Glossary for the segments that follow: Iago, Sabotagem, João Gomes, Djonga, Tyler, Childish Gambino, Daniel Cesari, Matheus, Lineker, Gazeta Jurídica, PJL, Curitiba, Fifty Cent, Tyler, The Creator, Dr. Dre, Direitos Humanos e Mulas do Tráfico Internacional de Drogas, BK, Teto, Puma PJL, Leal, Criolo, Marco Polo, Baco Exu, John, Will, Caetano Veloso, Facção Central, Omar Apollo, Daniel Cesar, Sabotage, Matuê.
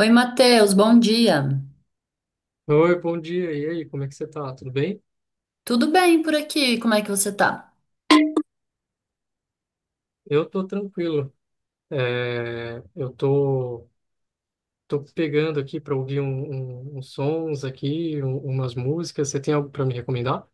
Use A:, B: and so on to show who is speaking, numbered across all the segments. A: Oi, Matheus, bom dia.
B: Oi, bom dia. E aí, como é que você tá? Tudo bem?
A: Tudo bem por aqui? Como é que você tá?
B: Eu tô tranquilo. É, eu tô, tô pegando aqui para ouvir uns sons aqui, umas músicas. Você tem algo para me recomendar?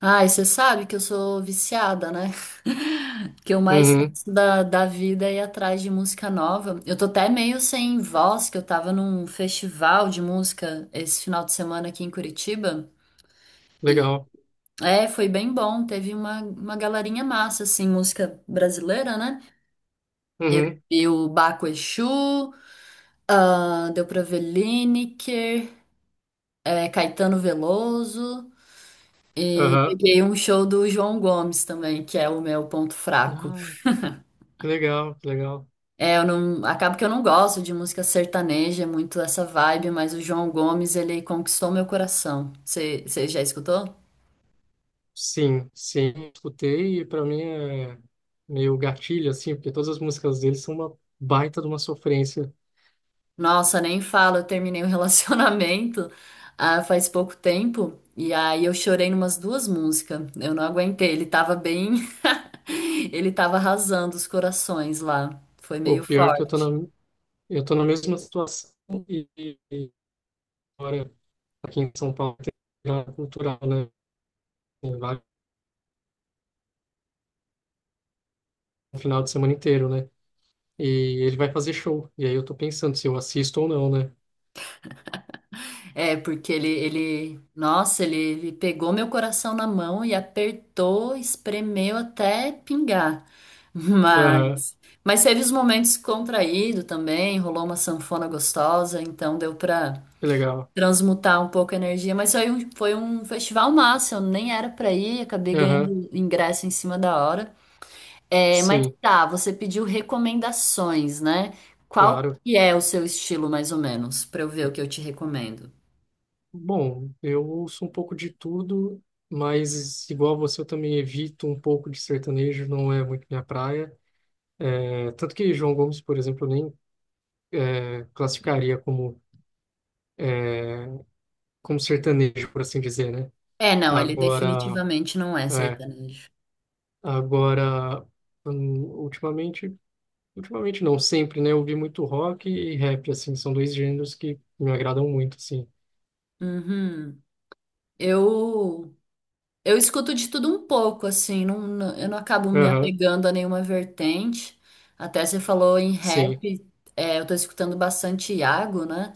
A: Ai, você sabe que eu sou viciada, né? Que eu mais
B: Uhum,
A: faço da vida é ir atrás de música nova. Eu tô até meio sem voz, que eu tava num festival de música esse final de semana aqui em Curitiba. E
B: legal.
A: é, foi bem bom. Teve uma galerinha massa, assim, música brasileira, né?
B: Uhum,
A: E o Baco Exu, ah, deu pra ver Lineker, é, Caetano Veloso. E
B: aham.
A: peguei um show do João Gomes também, que é o meu ponto fraco.
B: Ah, que legal, que legal.
A: É, eu não, acabo que eu não gosto de música sertaneja, é muito essa vibe, mas o João Gomes, ele conquistou meu coração. Você já escutou?
B: Sim, sim. Escutei e para mim é meio gatilho, assim, porque todas as músicas deles são uma baita de uma sofrência.
A: Nossa, nem falo, eu terminei um relacionamento ah, faz pouco tempo, e aí eu chorei numas duas músicas. Eu não aguentei, ele tava bem. Ele tava arrasando os corações lá. Foi
B: O
A: meio
B: pior é que
A: forte.
B: eu tô na mesma situação e... e- agora aqui em São Paulo tem virada cultural, né? Tem vários no final de semana inteiro, né? E ele vai fazer show. E aí eu tô pensando se eu assisto ou não, né?
A: É, porque nossa, ele pegou meu coração na mão e apertou, espremeu até pingar.
B: Aham,
A: Mas, mas teve os momentos contraído também, rolou uma sanfona gostosa, então deu pra
B: que legal.
A: transmutar um pouco a energia. Mas foi um festival massa, eu nem era pra ir, acabei
B: Aham,
A: ganhando ingresso em cima da hora. É, mas
B: sim,
A: tá, você pediu recomendações, né? Qual
B: claro.
A: que é o seu estilo, mais ou menos, pra eu ver o que eu te recomendo?
B: Bom, eu ouço um pouco de tudo, mas igual você, eu também evito um pouco de sertanejo, não é muito minha praia. É, tanto que João Gomes, por exemplo, eu nem classificaria como, é, como sertanejo, por assim dizer, né?
A: É, não, ele
B: Agora.
A: definitivamente não é
B: é,
A: sertanejo.
B: Agora, hum, ultimamente, ultimamente não, sempre, né? Eu ouvi muito rock e rap, assim, são dois gêneros que me agradam muito, assim.
A: Uhum. Eu eu escuto de tudo um pouco, assim, eu não acabo me
B: Aham,
A: apegando a nenhuma vertente. Até você falou em
B: sim.
A: rap, é, eu tô escutando bastante Iago, né?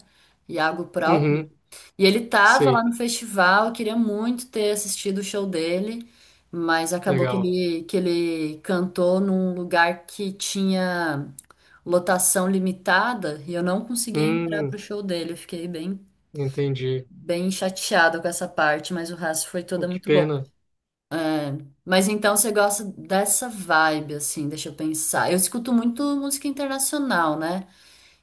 A: Iago próprio.
B: Uhum,
A: E ele tava lá
B: sei.
A: no festival, eu queria muito ter assistido o show dele, mas acabou que
B: Legal.
A: ele cantou num lugar que tinha lotação limitada e eu não conseguia entrar
B: Hum,
A: pro show dele. Eu fiquei bem,
B: entendi.
A: bem chateada com essa parte, mas o resto foi
B: Pô,
A: toda
B: que
A: muito bom.
B: pena.
A: Mas então você gosta dessa vibe, assim, deixa eu pensar. Eu escuto muito música internacional, né?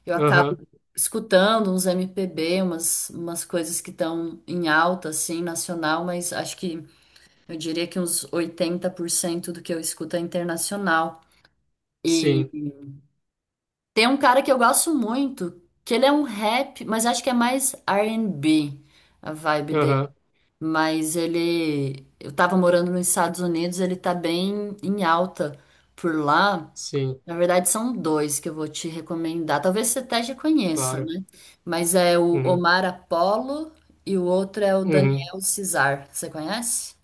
A: Eu acabo
B: Aham,
A: escutando uns MPB, umas coisas que estão em alta, assim, nacional, mas acho que eu diria que uns 80% do que eu escuto é internacional.
B: sim.
A: E tem um cara que eu gosto muito, que ele é um rap, mas acho que é mais R&B a vibe dele.
B: Aham,
A: Mas ele, eu tava morando nos Estados Unidos, ele tá bem em alta por lá.
B: sim,
A: Na verdade, são dois que eu vou te recomendar. Talvez você até já conheça,
B: claro.
A: né? Mas é o
B: Uhum,
A: Omar Apollo e o outro é o
B: uhum.
A: Daniel Cesar. Você conhece?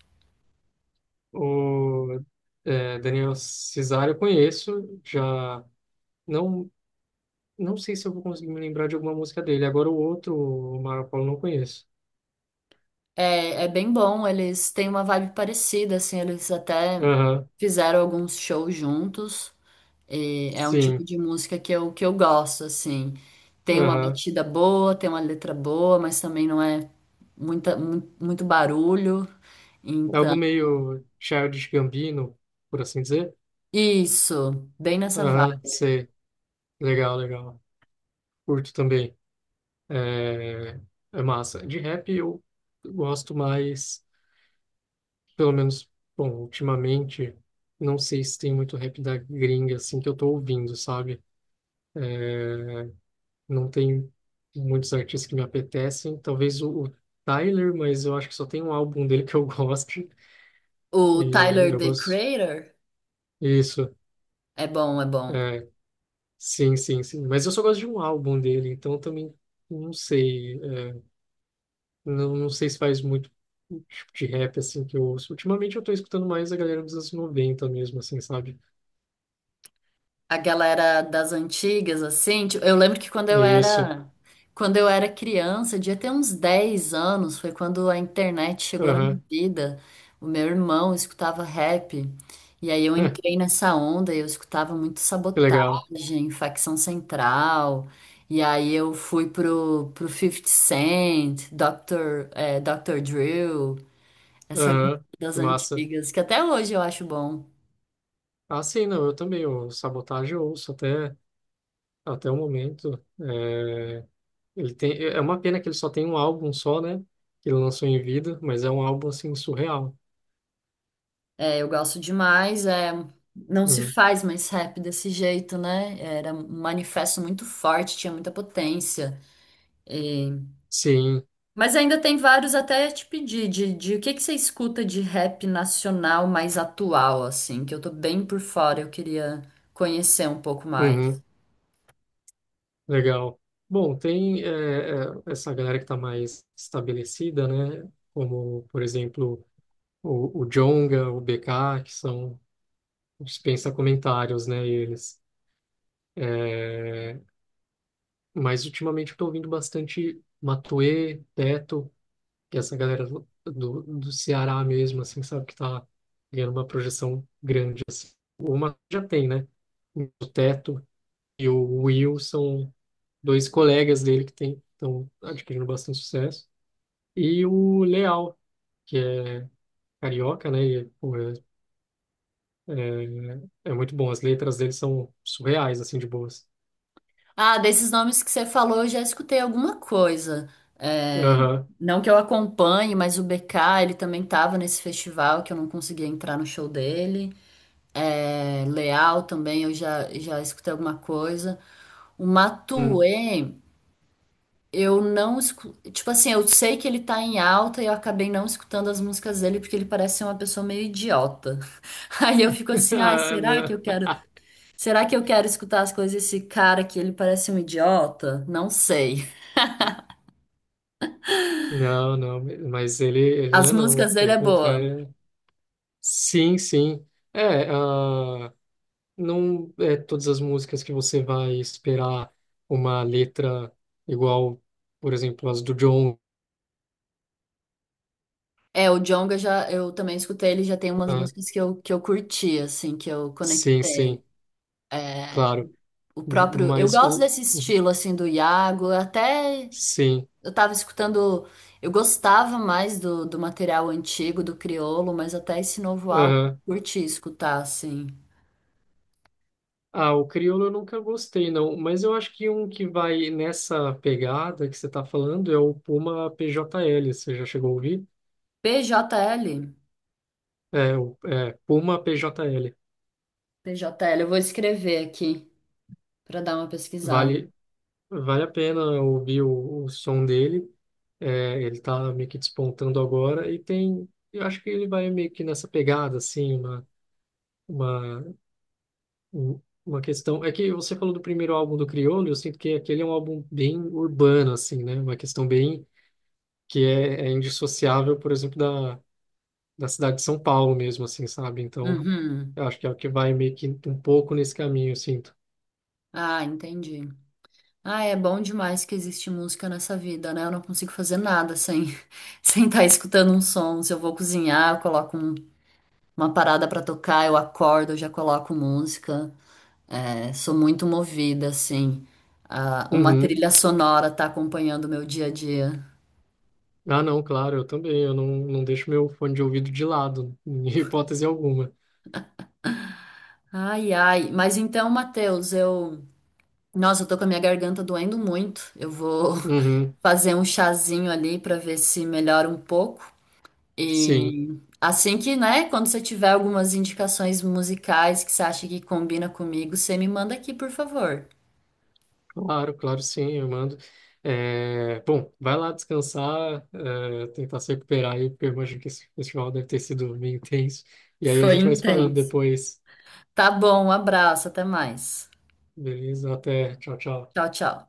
B: O Daniel Cesari eu conheço, já não, não sei se eu vou conseguir me lembrar de alguma música dele. Agora o outro, o Marco Polo, não conheço.
A: É, é bem bom, eles têm uma vibe parecida, assim, eles até
B: Aham.
A: fizeram alguns shows juntos. E é um tipo
B: Sim,
A: de música que eu gosto, assim. Tem uma
B: aham.
A: batida boa, tem uma letra boa, mas também não é muito barulho.
B: É
A: Então,
B: algo meio Childish Gambino, por assim dizer.
A: isso, bem nessa
B: Aham,
A: vibe.
B: sei. Legal, legal. Curto também. É, é massa. De rap eu gosto mais, pelo menos, bom, ultimamente, não sei se tem muito rap da gringa, assim, que eu tô ouvindo, sabe? É, não tem muitos artistas que me apetecem. Talvez o Tyler, mas eu acho que só tem um álbum dele que eu gosto.
A: O
B: E
A: Tyler,
B: eu
A: The
B: gosto.
A: Creator
B: Isso.
A: é bom, é bom.
B: é, Sim, sim, sim. Mas eu só gosto de um álbum dele, então também não sei. Não, não sei se faz muito o tipo de rap assim que eu ouço. Ultimamente eu tô escutando mais a galera dos anos noventa mesmo, assim, sabe?
A: A galera das antigas, assim, tipo, eu lembro que
B: É isso.
A: quando eu era criança, devia ter uns 10 anos, foi quando a internet chegou na minha
B: Aham.
A: vida. O meu irmão escutava rap, e aí eu entrei nessa onda, e eu escutava muito
B: Que legal.
A: Sabotagem, Facção Central, e aí eu fui pro fifty Cent, Dr. Drill, essa galera
B: Aham.
A: das
B: Que massa.
A: antigas, que até hoje eu acho bom.
B: Ah, sim, não, eu também. O Sabotage eu ouço até, até o momento. É, ele tem, é uma pena que ele só tem um álbum só, né? Que ele lançou em vida, mas é um álbum assim surreal.
A: É, eu gosto demais. É, não se
B: Uhum.
A: faz mais rap desse jeito, né? Era um manifesto muito forte, tinha muita potência. E
B: Sim.
A: mas ainda tem vários até te pedir de o que que você escuta de rap nacional mais atual, assim, que eu tô bem por fora, eu queria conhecer um pouco mais.
B: Uhum. Legal. Bom, tem essa galera que está mais estabelecida, né? Como, por exemplo, o Djonga, o BK, que são dispensa comentários, né? Eles. Eh, mas ultimamente eu estou ouvindo bastante Matuê, Teto, que é essa galera do Ceará mesmo, assim, sabe? Que está ganhando uma projeção grande. Assim. O Matuê já tem, né? O Teto e o Will são dois colegas dele que tem, estão adquirindo bastante sucesso. E o Leal, que é carioca, né? E, pô, é muito bom. As letras dele são surreais, assim, de boas.
A: Ah, desses nomes que você falou, eu já escutei alguma coisa. É,
B: Aham.
A: não que eu acompanhe, mas o BK, ele também tava nesse festival que eu não conseguia entrar no show dele. É, Leal também eu já escutei alguma coisa. O
B: Hum.
A: Matuê, eu não escu... Tipo assim, eu sei que ele tá em alta e eu acabei não escutando as músicas dele porque ele parece ser uma pessoa meio idiota. Aí eu fico assim, ai,
B: Ah, não.
A: será que eu quero escutar as coisas desse cara que ele parece um idiota? Não sei.
B: Não, não, mas ele não
A: As
B: é não,
A: músicas dele é
B: pelo
A: boa.
B: contrário. Sim, sim. É, ah, não é todas as músicas que você vai esperar uma letra igual, por exemplo, as do John,
A: É, o Djonga já, eu também escutei, ele já tem umas
B: né?
A: músicas que eu curti, assim, que eu
B: Sim,
A: conectei.
B: sim, claro.
A: O
B: M-
A: próprio. Eu
B: Mas
A: gosto
B: o...
A: desse estilo, assim, do Iago. Até
B: Sim,
A: eu tava escutando. Eu gostava mais do material antigo, do Criolo, mas até esse novo álbum eu curti escutar, assim.
B: ah, o crioulo eu nunca gostei, não. Mas eu acho que um que vai nessa pegada que você está falando é o Puma PJL. Você já chegou a ouvir?
A: P J L PJL?
B: Puma PJL.
A: PJL, eu vou escrever aqui pra dar uma pesquisada.
B: Vale, vale a pena ouvir o som dele. É, ele está meio que despontando agora e tem... Eu acho que ele vai meio que nessa pegada, assim, uma, um- uma questão... É que você falou do primeiro álbum do Criolo, eu sinto que aquele é um álbum bem urbano, assim, né? Uma questão bem que é indissociável, por exemplo, da cidade de São Paulo mesmo, assim, sabe? Então,
A: Uhum.
B: eu acho que é o que vai meio que um pouco nesse caminho, eu sinto.
A: Ah, entendi. Ah, é bom demais que existe música nessa vida, né? Eu não consigo fazer nada sem sem estar escutando um som. Se eu vou cozinhar, eu coloco uma parada pra tocar, eu acordo, eu já coloco música. É, sou muito movida, assim. Ah, uma
B: Uhum.
A: trilha sonora tá acompanhando o meu dia a dia.
B: Ah, não, claro, eu também. Eu não, Não deixo meu fone de ouvido de lado, em hipótese alguma.
A: Ai, ai. Mas então, Matheus, eu. Nossa, eu tô com a minha garganta doendo muito. Eu vou
B: Uhum.
A: fazer um chazinho ali pra ver se melhora um pouco.
B: Sim,
A: E assim que, né, quando você tiver algumas indicações musicais que você acha que combina comigo, você me manda aqui, por favor.
B: claro, claro, sim, eu mando. É, bom, vai lá descansar, é, tentar se recuperar aí, porque eu imagino que esse festival deve ter sido meio intenso. E aí a
A: Foi
B: gente vai se falando
A: intenso.
B: depois,
A: Tá bom, um abraço, até mais.
B: beleza? Até, tchau, tchau.
A: Tchau, tchau.